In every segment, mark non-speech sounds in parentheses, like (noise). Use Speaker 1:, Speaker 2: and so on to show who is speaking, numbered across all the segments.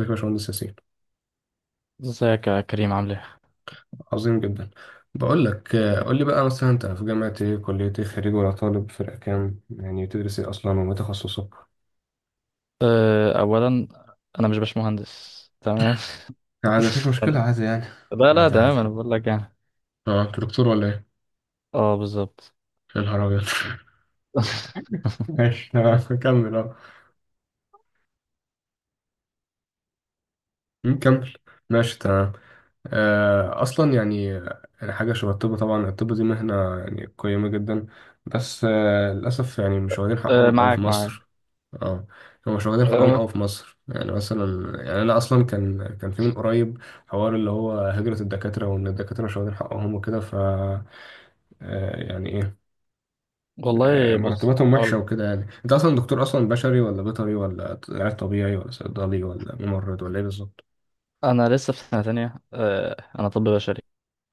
Speaker 1: ازيك يا باشمهندس ياسين؟
Speaker 2: ازيك يا كريم، عامل ايه؟
Speaker 1: عظيم جدا. بقول لك، قول لي بقى، مثلا انت في جامعة ايه، كلية ايه، خريج ولا طالب، فرقة كام، يعني بتدرس ايه اصلا، وما تخصصك؟
Speaker 2: اولا انا مش باشمهندس، تمام؟
Speaker 1: عادي، مفيش
Speaker 2: (laughs)
Speaker 1: مشكلة،
Speaker 2: ثانيا-
Speaker 1: عادي يعني.
Speaker 2: لا لا
Speaker 1: عادي عادي.
Speaker 2: تمام، انا بقول لك يعني.
Speaker 1: اه، انت دكتور ولا ايه؟
Speaker 2: اه بالظبط.
Speaker 1: يا نهار ابيض!
Speaker 2: (laughs)
Speaker 1: (laughs) ماشي تمام كمل اه. كمل. ماشي تمام. اصلا يعني، يعني حاجه شبه الطب. طبعا الطب دي مهنه يعني قيمه جدا. بس للاسف يعني مش واخدين حقهم أوي في
Speaker 2: معاك معاك.
Speaker 1: مصر. اه، هم مش واخدين حقهم
Speaker 2: أه،
Speaker 1: أوي في مصر. يعني مثلا يعني انا اصلا كان في من قريب حوار اللي هو هجره الدكاتره، وان الدكاتره مش واخدين حقهم وكده. ف آه، يعني ايه،
Speaker 2: والله بص
Speaker 1: مرتباتهم وحشه وكده. يعني انت اصلا دكتور اصلا بشري ولا بيطري ولا علاج طبيعي ولا صيدلي ولا ممرض ولا ايه بالظبط؟
Speaker 2: انا لسه في سنه تانية. انا طب بشري.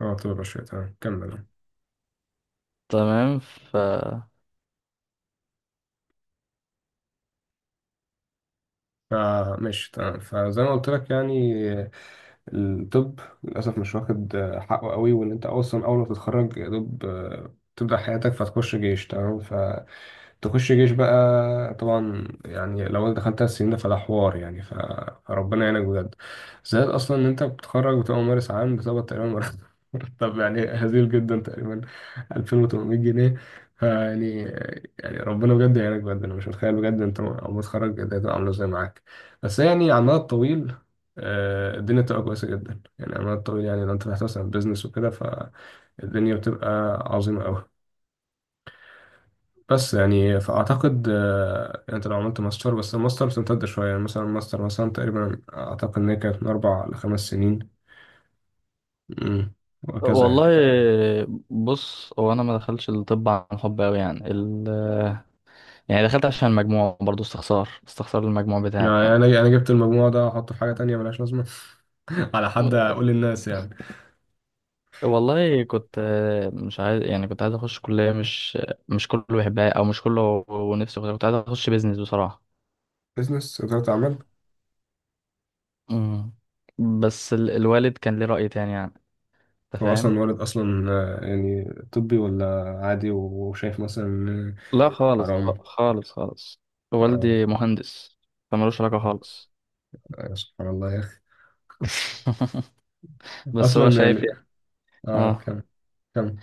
Speaker 1: اه طب بشري، تمام كمل.
Speaker 2: تمام.
Speaker 1: فماشي تمام، فزي ما قلت لك يعني الطب للأسف مش واخد حقه قوي، وإن أنت أصلا أول ما تتخرج يا دوب تبدأ حياتك فتخش جيش. تمام ف تخش جيش بقى، طبعا يعني لو انت دخلت على السنين ده فده حوار يعني. فربنا يعينك بجد. زائد اصلا ان انت بتتخرج بتبقى ممارس عام، بتقبض تقريبا مرتب (laughs) مرتب يعني هزيل جدا تقريبا، 2800 جنيه. فيعني ربنا بجد يعينك بجد. انا مش متخيل بجد انت اول ما تتخرج إيه الدنيا تبقى عامله ازاي معاك. بس يعني على المدى الطويل، الدنيا بتبقى كويسه جدا. يعني على المدى الطويل، يعني لو انت فتحت مثلا بيزنس وكده فالدنيا بتبقى عظيمه قوي. بس يعني فأعتقد يعني أنت لو عملت ماستر، بس الماستر بتمتد شوية. يعني مثلا الماستر مثلا تقريبا أعتقد إن هي كانت من 4 ل5 سنين. أمم، وهكذا
Speaker 2: والله
Speaker 1: يعني.
Speaker 2: بص، هو انا ما دخلتش الطب عن حب قوي، يعني يعني دخلت عشان المجموع، برضو استخسار المجموع بتاعي
Speaker 1: يعني
Speaker 2: يعني.
Speaker 1: أنا جبت المجموع ده أحطه في حاجة تانية ملهاش لازمة؟ (laughs) على حد أقول للناس يعني.
Speaker 2: والله كنت مش عايز، يعني كنت عايز اخش كلية مش كله بيحبها او مش كله ونفسه فيها. كنت عايز اخش بيزنس بصراحة.
Speaker 1: بزنس، إدارة أعمال.
Speaker 2: مم. بس الوالد كان ليه رأي تاني يعني. انت
Speaker 1: هو
Speaker 2: فاهم؟
Speaker 1: أصلا والد أصلا يعني طبي ولا عادي، وشايف مثلا إن
Speaker 2: لا خالص،
Speaker 1: حرام؟
Speaker 2: خالص خالص.
Speaker 1: آه،
Speaker 2: والدي مهندس، فمالوش علاقة خالص.
Speaker 1: سبحان الله يا أخي.
Speaker 2: (laughs) بس هو
Speaker 1: أصلا
Speaker 2: شايف
Speaker 1: يعني
Speaker 2: يعني. اه.
Speaker 1: كم؟ كم؟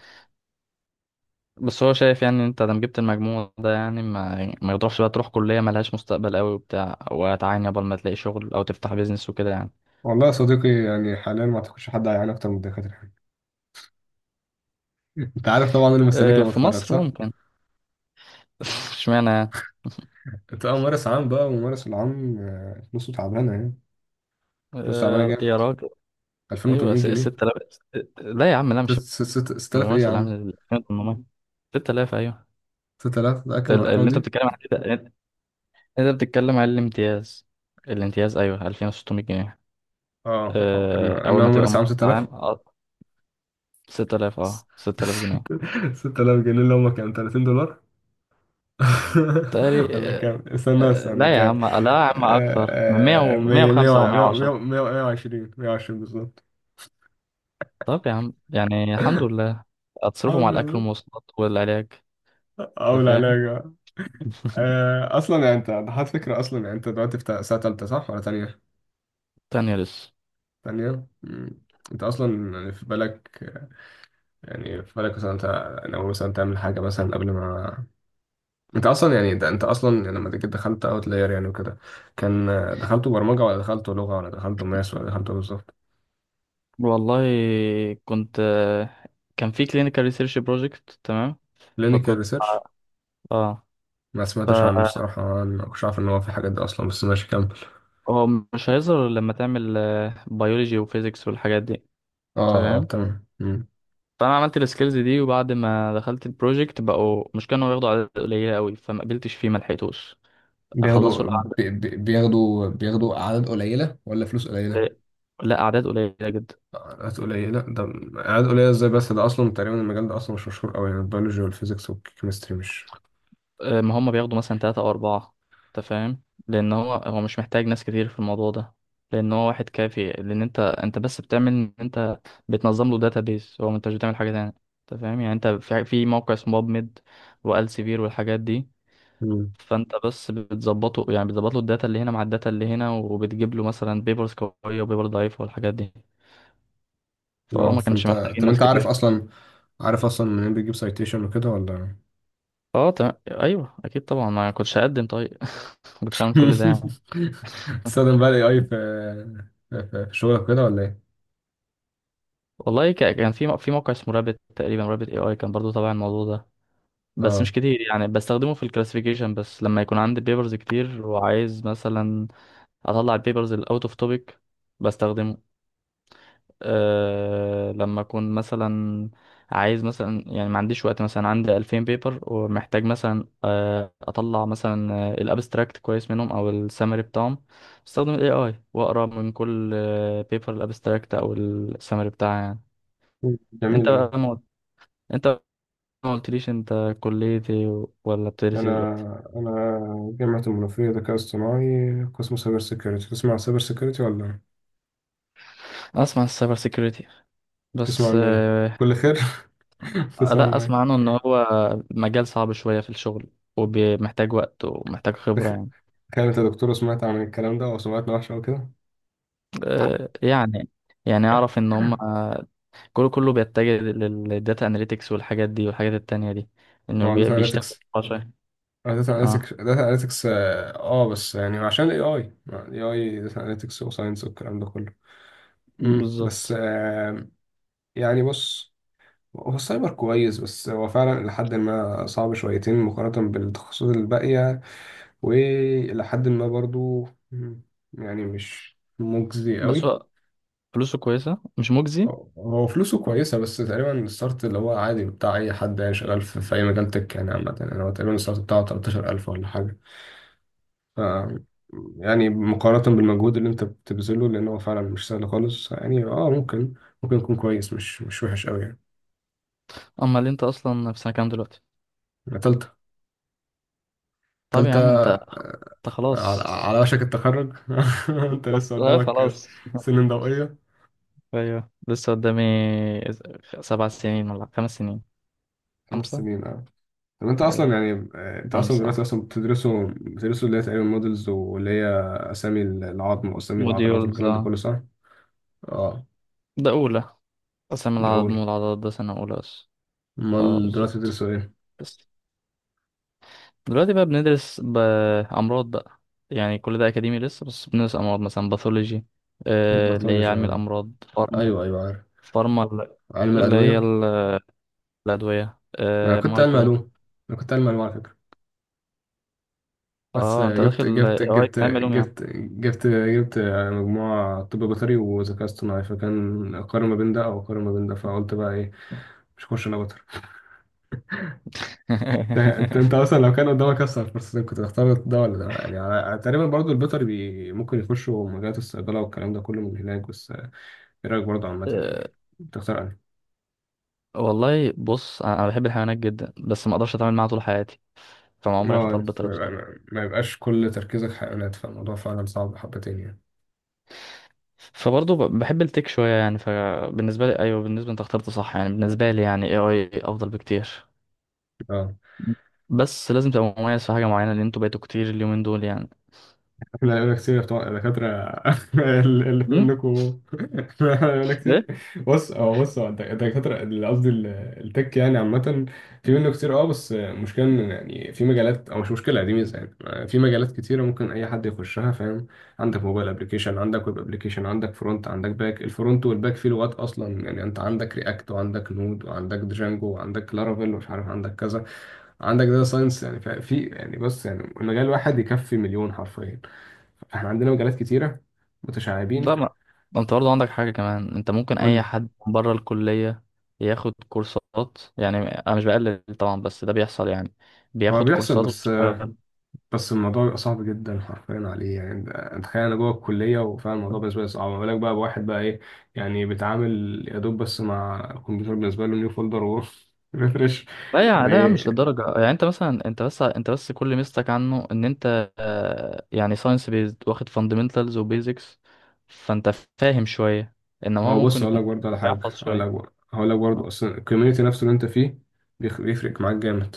Speaker 2: بس هو شايف يعني إن انت دام جبت المجموع ده، يعني ما يعني ما يضرش بقى تروح كلية ملهاش مستقبل قوي وبتاع، وتعاني قبل ما تلاقي شغل او تفتح بيزنس وكده يعني.
Speaker 1: والله يا صديقي يعني حاليا ما أعتقدش حد هيعاني أكتر من الدكاترة. انت عارف طبعا انا مستنيك لما
Speaker 2: في
Speaker 1: اتخرج
Speaker 2: مصر
Speaker 1: صح؟
Speaker 2: ممكن. اشمعنى يعني؟
Speaker 1: انت اه، ممارس عام بقى، وممارس العام فلوسه تعبانه يعني. فلوسه تعبانه
Speaker 2: يا
Speaker 1: جامد.
Speaker 2: راجل. ايوه
Speaker 1: 2800 جنيه.
Speaker 2: 6000. لا يا عم، لا، مش
Speaker 1: ست- 6000 ايه
Speaker 2: الممثل
Speaker 1: يا
Speaker 2: اللي عامل
Speaker 1: عم؟
Speaker 2: ال 2800. 6000 ايوه.
Speaker 1: 6000، متأكد من الارقام
Speaker 2: اللي انت
Speaker 1: دي؟
Speaker 2: بتتكلم عن كده انت، أنت بتتكلم عن الامتياز. الامتياز، ايوه، 2600 جنيه.
Speaker 1: اه، اه، إن
Speaker 2: اول
Speaker 1: انا
Speaker 2: ما تبقى
Speaker 1: ممارس عام
Speaker 2: ممثل عام،
Speaker 1: 6000.
Speaker 2: اه، 6000، اه، 6000 جنيه.
Speaker 1: 6000 (laughs) جنيه اللي هم كام؟ 30 دولار؟
Speaker 2: تقري
Speaker 1: (laughs) ولا كام؟ استنى
Speaker 2: آه،
Speaker 1: استنى،
Speaker 2: لا يا
Speaker 1: كام؟
Speaker 2: عم، لا يا عم، اكتر من 100
Speaker 1: آه، آه،
Speaker 2: و
Speaker 1: مية- مية
Speaker 2: 105 او
Speaker 1: وع-
Speaker 2: 110.
Speaker 1: مية- مية- وعشرين، مية- 120. 120 بالظبط.
Speaker 2: طب يا عم، يعني الحمد
Speaker 1: (laughs)
Speaker 2: لله. اتصرفوا مع
Speaker 1: الحمد
Speaker 2: الاكل
Speaker 1: لله.
Speaker 2: والمواصلات والعلاج. انت
Speaker 1: اول عليا يا
Speaker 2: فاهم؟
Speaker 1: جماعة.
Speaker 2: (laughs)
Speaker 1: اصلا يعني انت ضحت فكره. اصلا يعني انت دلوقتي في سنه تالته صح ولا تانيه؟
Speaker 2: تانية لسه.
Speaker 1: تانيه. مم. انت اصلا يعني في بالك، يعني في بالك مثلا انت لو مثلا تعمل حاجه مثلا قبل ما انت اصلا يعني، ده انت اصلا يعني لما جيت دخلت اوت لاير يعني وكده، كان دخلته برمجه ولا دخلته لغه ولا دخلته ماس ولا دخلته إيه بالظبط؟
Speaker 2: والله كنت كان في clinical research project. تمام.
Speaker 1: كلينيكال
Speaker 2: فكنت
Speaker 1: ريسيرش.
Speaker 2: اه
Speaker 1: ما سمعتش
Speaker 2: فهو
Speaker 1: عنه الصراحه، أنا ما كنتش عارف ان هو في الحاجات دي اصلا، بس ماشي كمل.
Speaker 2: مش هيظهر إلا لما تعمل بيولوجي وفيزيكس والحاجات دي.
Speaker 1: اه، اه،
Speaker 2: تمام.
Speaker 1: تمام. مم.
Speaker 2: فانا عملت السكيلز دي، وبعد ما دخلت البروجكت بقوا مش كانوا ياخدوا اعداد قليله قوي، فما قبلتش فيه، ما لحقتوش. اخلصوا
Speaker 1: بياخدوا
Speaker 2: الاعداد.
Speaker 1: بي- بي- بياخدوا بياخدوا اعداد قليله ولا فلوس قليله؟
Speaker 2: لا، اعداد قليله جدا.
Speaker 1: قلقات قليلة؟ لا ده قلقات قليلة ازاي؟ بس ده أصلا تقريبا المجال ده أصلا مش مشهور أوي يعني، البيولوجي والفيزيكس والكيمستري مش.
Speaker 2: ما هم بياخدوا مثلا تلاتة أو أربعة. أنت فاهم؟ لأن هو مش محتاج ناس كتير في الموضوع ده. لأن هو واحد كافي. لأن أنت بس بتعمل إن أنت بتنظم له داتابيز، هو، أنت مش بتعمل حاجة تانية. أنت فاهم؟ يعني أنت في موقع اسمه باب ميد والسيفير والحاجات دي.
Speaker 1: مم.
Speaker 2: فأنت بس بتظبطه، يعني بتظبط له الداتا اللي هنا مع الداتا اللي هنا، وبتجيب له مثلا بيبرز قوية وبيبر ضعيفة والحاجات دي. فهو
Speaker 1: لا
Speaker 2: ما كانش
Speaker 1: فأنت،
Speaker 2: محتاجين
Speaker 1: طب
Speaker 2: ناس
Speaker 1: أنت عارف
Speaker 2: كتير.
Speaker 1: أصلا عارف أصلا منين بيجيب سايتيشن وكده ولا؟
Speaker 2: اه تمام ايوه اكيد طبعا، ما كنتش هقدم طيب. (laughs) ما كنتش هعمل كل ده يعني.
Speaker 1: (laughs)
Speaker 2: (laughs)
Speaker 1: تستخدم بقى ال AI في شغلك كده ولا إيه؟
Speaker 2: والله كان في موقع اسمه رابت تقريبا، رابت اي اي، كان برضو تبع الموضوع ده. بس
Speaker 1: اه
Speaker 2: مش كتير، يعني بستخدمه في الكلاسيفيكيشن بس لما يكون عندي بيبرز كتير وعايز مثلا اطلع البيبرز الاوت اوف توبيك. بستخدمه لما اكون مثلا عايز مثلا، يعني ما عنديش وقت، مثلا عندي 2000 بيبر ومحتاج مثلا اطلع مثلا الابستراكت كويس منهم او السمري بتاعهم. بستخدم الاي اي واقرا من كل بيبر الابستراكت او السمري بتاعها يعني. انت
Speaker 1: جميل أوي.
Speaker 2: بقى انت ما قلتليش انت كلية ايه ولا
Speaker 1: أنا
Speaker 2: بتدرسي دلوقتي؟
Speaker 1: أنا جامعة المنوفية ذكاء اصطناعي، قسم سايبر سيكيورتي. تسمع عن سايبر سيكيورتي ولا؟
Speaker 2: اسمع السايبر سيكيورتي،
Speaker 1: تسمع
Speaker 2: بس
Speaker 1: عنه إيه؟ كل خير. (laughs) تسمع
Speaker 2: لا
Speaker 1: عنه
Speaker 2: اسمع عنه ان هو مجال صعب شوية في الشغل، ومحتاج وقت ومحتاج خبرة
Speaker 1: إيه؟
Speaker 2: يعني.
Speaker 1: كانت الدكتورة سمعت عن الكلام ده وسمعتنا وحشة أوي كده.
Speaker 2: آه، يعني يعني اعرف ان هم كله كله بيتجه للداتا اناليتكس والحاجات دي والحاجات التانية دي. انه
Speaker 1: هو داتا
Speaker 2: بيشتغل
Speaker 1: اناليتكس
Speaker 2: عشان.
Speaker 1: داتا
Speaker 2: اه
Speaker 1: اناليتكس داتا اناليتكس اه آه، بس يعني عشان الاي اي داتا اناليتكس وساينس والكلام ده كله. بس
Speaker 2: بالظبط.
Speaker 1: يعني بص، هو السايبر كويس بس هو فعلا لحد ما صعب شويتين مقارنة بالتخصصات الباقية، وإلى حد ما برضو يعني مش مجزي
Speaker 2: بس
Speaker 1: قوي.
Speaker 2: هو فلوسه كويسة، مش مجزي.
Speaker 1: هو فلوسه كويسة. بس تقريبا الستارت اللي هو عادي بتاع أي حد يعني شغال في أي مجال تك يعني، عامة يعني هو تقريبا الستارت بتاعه 13,000 ولا حاجة. ف يعني مقارنة بالمجهود اللي أنت بتبذله، لأن هو فعلا مش سهل خالص يعني. ممكن يكون كويس، مش وحش أوي يعني.
Speaker 2: اما اللي انت اصلا، في سنة كام دلوقتي؟
Speaker 1: يعني تالتة.
Speaker 2: طب يا عم انت،
Speaker 1: تالتة،
Speaker 2: انت
Speaker 1: على,
Speaker 2: خلاص.
Speaker 1: على وشك التخرج. (laughs) أنت لسه
Speaker 2: بالظبط، اه
Speaker 1: قدامك
Speaker 2: خلاص.
Speaker 1: سنين ضوئية.
Speaker 2: (laughs) ايوه لسه قدامي، 7 سنين ولا 5 سنين.
Speaker 1: خمس
Speaker 2: خمسة.
Speaker 1: سنين أه. طب انت
Speaker 2: ايوه
Speaker 1: اصلا يعني، انت اصلا
Speaker 2: خمسة
Speaker 1: دلوقتي
Speaker 2: اه.
Speaker 1: اصلا بتدرسوا اللي هي تقريبا مودلز، واللي هي اسامي العظم واسامي العضلات
Speaker 2: موديولز
Speaker 1: والكلام ده كله
Speaker 2: اه.
Speaker 1: صح؟ اه،
Speaker 2: ده أولى. قسم
Speaker 1: ده
Speaker 2: العظم
Speaker 1: اول.
Speaker 2: والعضلات ده سنة أولى بس. اه
Speaker 1: امال دلوقتي
Speaker 2: بالظبط.
Speaker 1: بتدرسوا ايه؟
Speaker 2: بس دلوقتي بقى بندرس بأمراض بقى، يعني كل ده أكاديمي لسه. بس بندرس أمراض، مثلا باثولوجي، اللي هي
Speaker 1: باثولوجي
Speaker 2: علم
Speaker 1: يعني،
Speaker 2: الأمراض. فارما،
Speaker 1: ايوه ايوه عارف.
Speaker 2: فارما ال-
Speaker 1: علم
Speaker 2: اللي هي
Speaker 1: الادويه.
Speaker 2: الأدوية.
Speaker 1: انا كنت علم
Speaker 2: مايكرو.
Speaker 1: علوم انا كنت علم علوم على فكره. بس
Speaker 2: اه انت
Speaker 1: آه، جبت
Speaker 2: داخل
Speaker 1: جبت
Speaker 2: إيه، اي
Speaker 1: جبت
Speaker 2: علم علوم يعني؟
Speaker 1: جبت جبت جبت آه، مجموعه طب بيطري وذكاء اصطناعي، فكان اقارن ما بين ده او اقارن ما بين ده، فقلت بقى ايه؟ مش هخش انا. انت اصلا لو كان قدامك اصلا الفرصتين كنت تختار ده ولا ده يعني؟ تقريبا برضو البيطري، ممكن يخشوا مجالات الصيدله والكلام ده كله من هناك، بس ايه رايك برضو عامه يعني؟
Speaker 2: (laughs)
Speaker 1: تختار انهي؟
Speaker 2: والله بص، انا بحب الحيوانات جدا، بس ما اقدرش اتعامل معاها طول حياتي. فما
Speaker 1: اه،
Speaker 2: عمري اختار بطريقته يعني.
Speaker 1: ما يبقاش كل تركيزك حيوانات، فالموضوع فعلا صعب حبتين يعني.
Speaker 2: فبرضه بحب التك شويه يعني. فبالنسبه لي ايوه، بالنسبه انت اخترت صح يعني، بالنسبه لي يعني اي اي افضل بكتير.
Speaker 1: اه،
Speaker 2: بس لازم تبقى مميز في حاجه معينه، لان انتوا بقيتوا كتير اليومين دول يعني.
Speaker 1: لا يقول لك كتير بتوع الدكاترة (laughs) اللي في
Speaker 2: امم.
Speaker 1: منكم. (laughs) لا يقول لك كتير.
Speaker 2: ايه.
Speaker 1: بص هو، الدكاترة اللي قصدي التك يعني عامة، في منه كتير. اه، بس المشكلة إن يعني في مجالات، أو مش مشكلة، دي ميزة يعني، في مجالات كتيرة ممكن أي حد يخشها فاهم. عندك موبايل أبلكيشن، عندك ويب أبلكيشن، عندك فرونت، عندك باك. الفرونت والباك فيه لغات أصلا يعني، أنت عندك رياكت وعندك نود وعندك دجانجو وعندك لارافيل ومش عارف عندك كذا. عندك داتا ساينس يعني. ففي يعني بص يعني المجال الواحد يكفي مليون حرفيا. احنا عندنا مجالات كتيرة
Speaker 2: لا
Speaker 1: متشعبين.
Speaker 2: ما، ما انت برضه عندك حاجه كمان، انت ممكن
Speaker 1: قول
Speaker 2: اي
Speaker 1: لي.
Speaker 2: حد بره الكليه ياخد كورسات، يعني انا مش بقلل طبعا، بس ده بيحصل يعني.
Speaker 1: هو
Speaker 2: بياخد
Speaker 1: بيحصل
Speaker 2: كورسات
Speaker 1: بس،
Speaker 2: ويشتغل.
Speaker 1: الموضوع بيبقى صعب جدا حرفيا عليه. يعني انت تخيل انا جوه الكليه وفعلا الموضوع بالنسبه لي صعب، ما بالك بقى بواحد بقى، ايه يعني بيتعامل يا دوب بس مع الكمبيوتر، بالنسبه له نيو فولدر وريفرش
Speaker 2: لا
Speaker 1: (laughs)
Speaker 2: يا، لا يا عم، مش
Speaker 1: وايه.
Speaker 2: للدرجة. يعني انت مثلا، انت بس انت بس كل ميزتك عنه ان انت يعني ساينس بيزد، واخد فاندمنتالز وبيزكس. فانت فاهم شوية، انما هو
Speaker 1: هو بص
Speaker 2: ممكن
Speaker 1: اقول
Speaker 2: يكون
Speaker 1: لك برضه على حاجه،
Speaker 2: بيحفظ
Speaker 1: اقول
Speaker 2: شوية.
Speaker 1: لك برضه، هقول لك برضه
Speaker 2: آه.
Speaker 1: اصلا الكوميونتي نفسه اللي انت فيه بيفرق معاك جامد.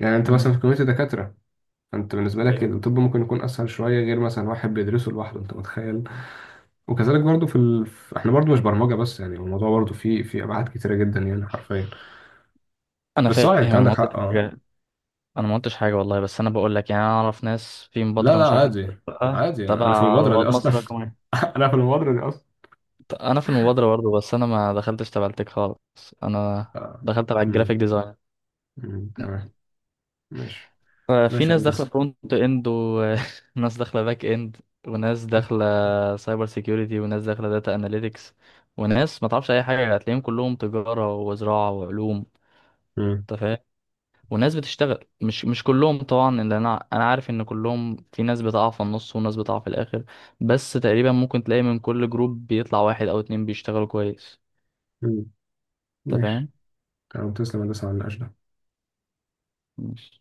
Speaker 1: يعني انت مثلا
Speaker 2: امم.
Speaker 1: في كوميونتي دكاتره، انت بالنسبه لك
Speaker 2: ايوه.
Speaker 1: الطب ممكن يكون اسهل شويه غير مثلا واحد بيدرسه لوحده، انت متخيل؟ وكذلك برضو احنا برضو مش برمجة بس، يعني الموضوع برضو فيه ابعاد كتيرة جدا يعني حرفيا.
Speaker 2: انا
Speaker 1: بس اه
Speaker 2: فاهم،
Speaker 1: يعني انت
Speaker 2: انا
Speaker 1: عندك
Speaker 2: ما
Speaker 1: حق.
Speaker 2: قلتش
Speaker 1: اه،
Speaker 2: حاجة. انا ما قلتش حاجة والله، بس انا بقول لك يعني، انا اعرف ناس في
Speaker 1: لا
Speaker 2: مبادرة،
Speaker 1: لا
Speaker 2: مش عارف انت،
Speaker 1: عادي.
Speaker 2: بقى
Speaker 1: عادي انا في
Speaker 2: تبع
Speaker 1: المبادرة دي
Speaker 2: رواد
Speaker 1: اصلا.
Speaker 2: مصر رقم واحد.
Speaker 1: (laughs) انا في المبادرة دي اصلا.
Speaker 2: انا في المبادرة برضه، بس انا ما دخلتش تبع التك خالص. انا
Speaker 1: آه.
Speaker 2: دخلت تبع
Speaker 1: مم.
Speaker 2: الجرافيك ديزاين.
Speaker 1: مم. تمام ماشي.
Speaker 2: في
Speaker 1: ماشي يا
Speaker 2: ناس داخله
Speaker 1: هندسة.
Speaker 2: فرونت اند، وناس (laughs) داخله باك اند، وناس داخله سايبر سيكيورتي، وناس داخله داتا اناليتكس، وناس ما تعرفش اي حاجه هتلاقيهم كلهم تجاره وزراعه وعلوم.
Speaker 1: مم.
Speaker 2: انت فاهم؟ وناس بتشتغل، مش كلهم طبعا، اللي انا عارف ان كلهم، في ناس بتقع في النص وناس بتقع في الاخر، بس تقريبا ممكن تلاقي من كل جروب بيطلع واحد او اتنين بيشتغلوا كويس.
Speaker 1: مم. ماشي
Speaker 2: انت
Speaker 1: تمام. تسلم يا هندسة على النقاش ده.
Speaker 2: فاهم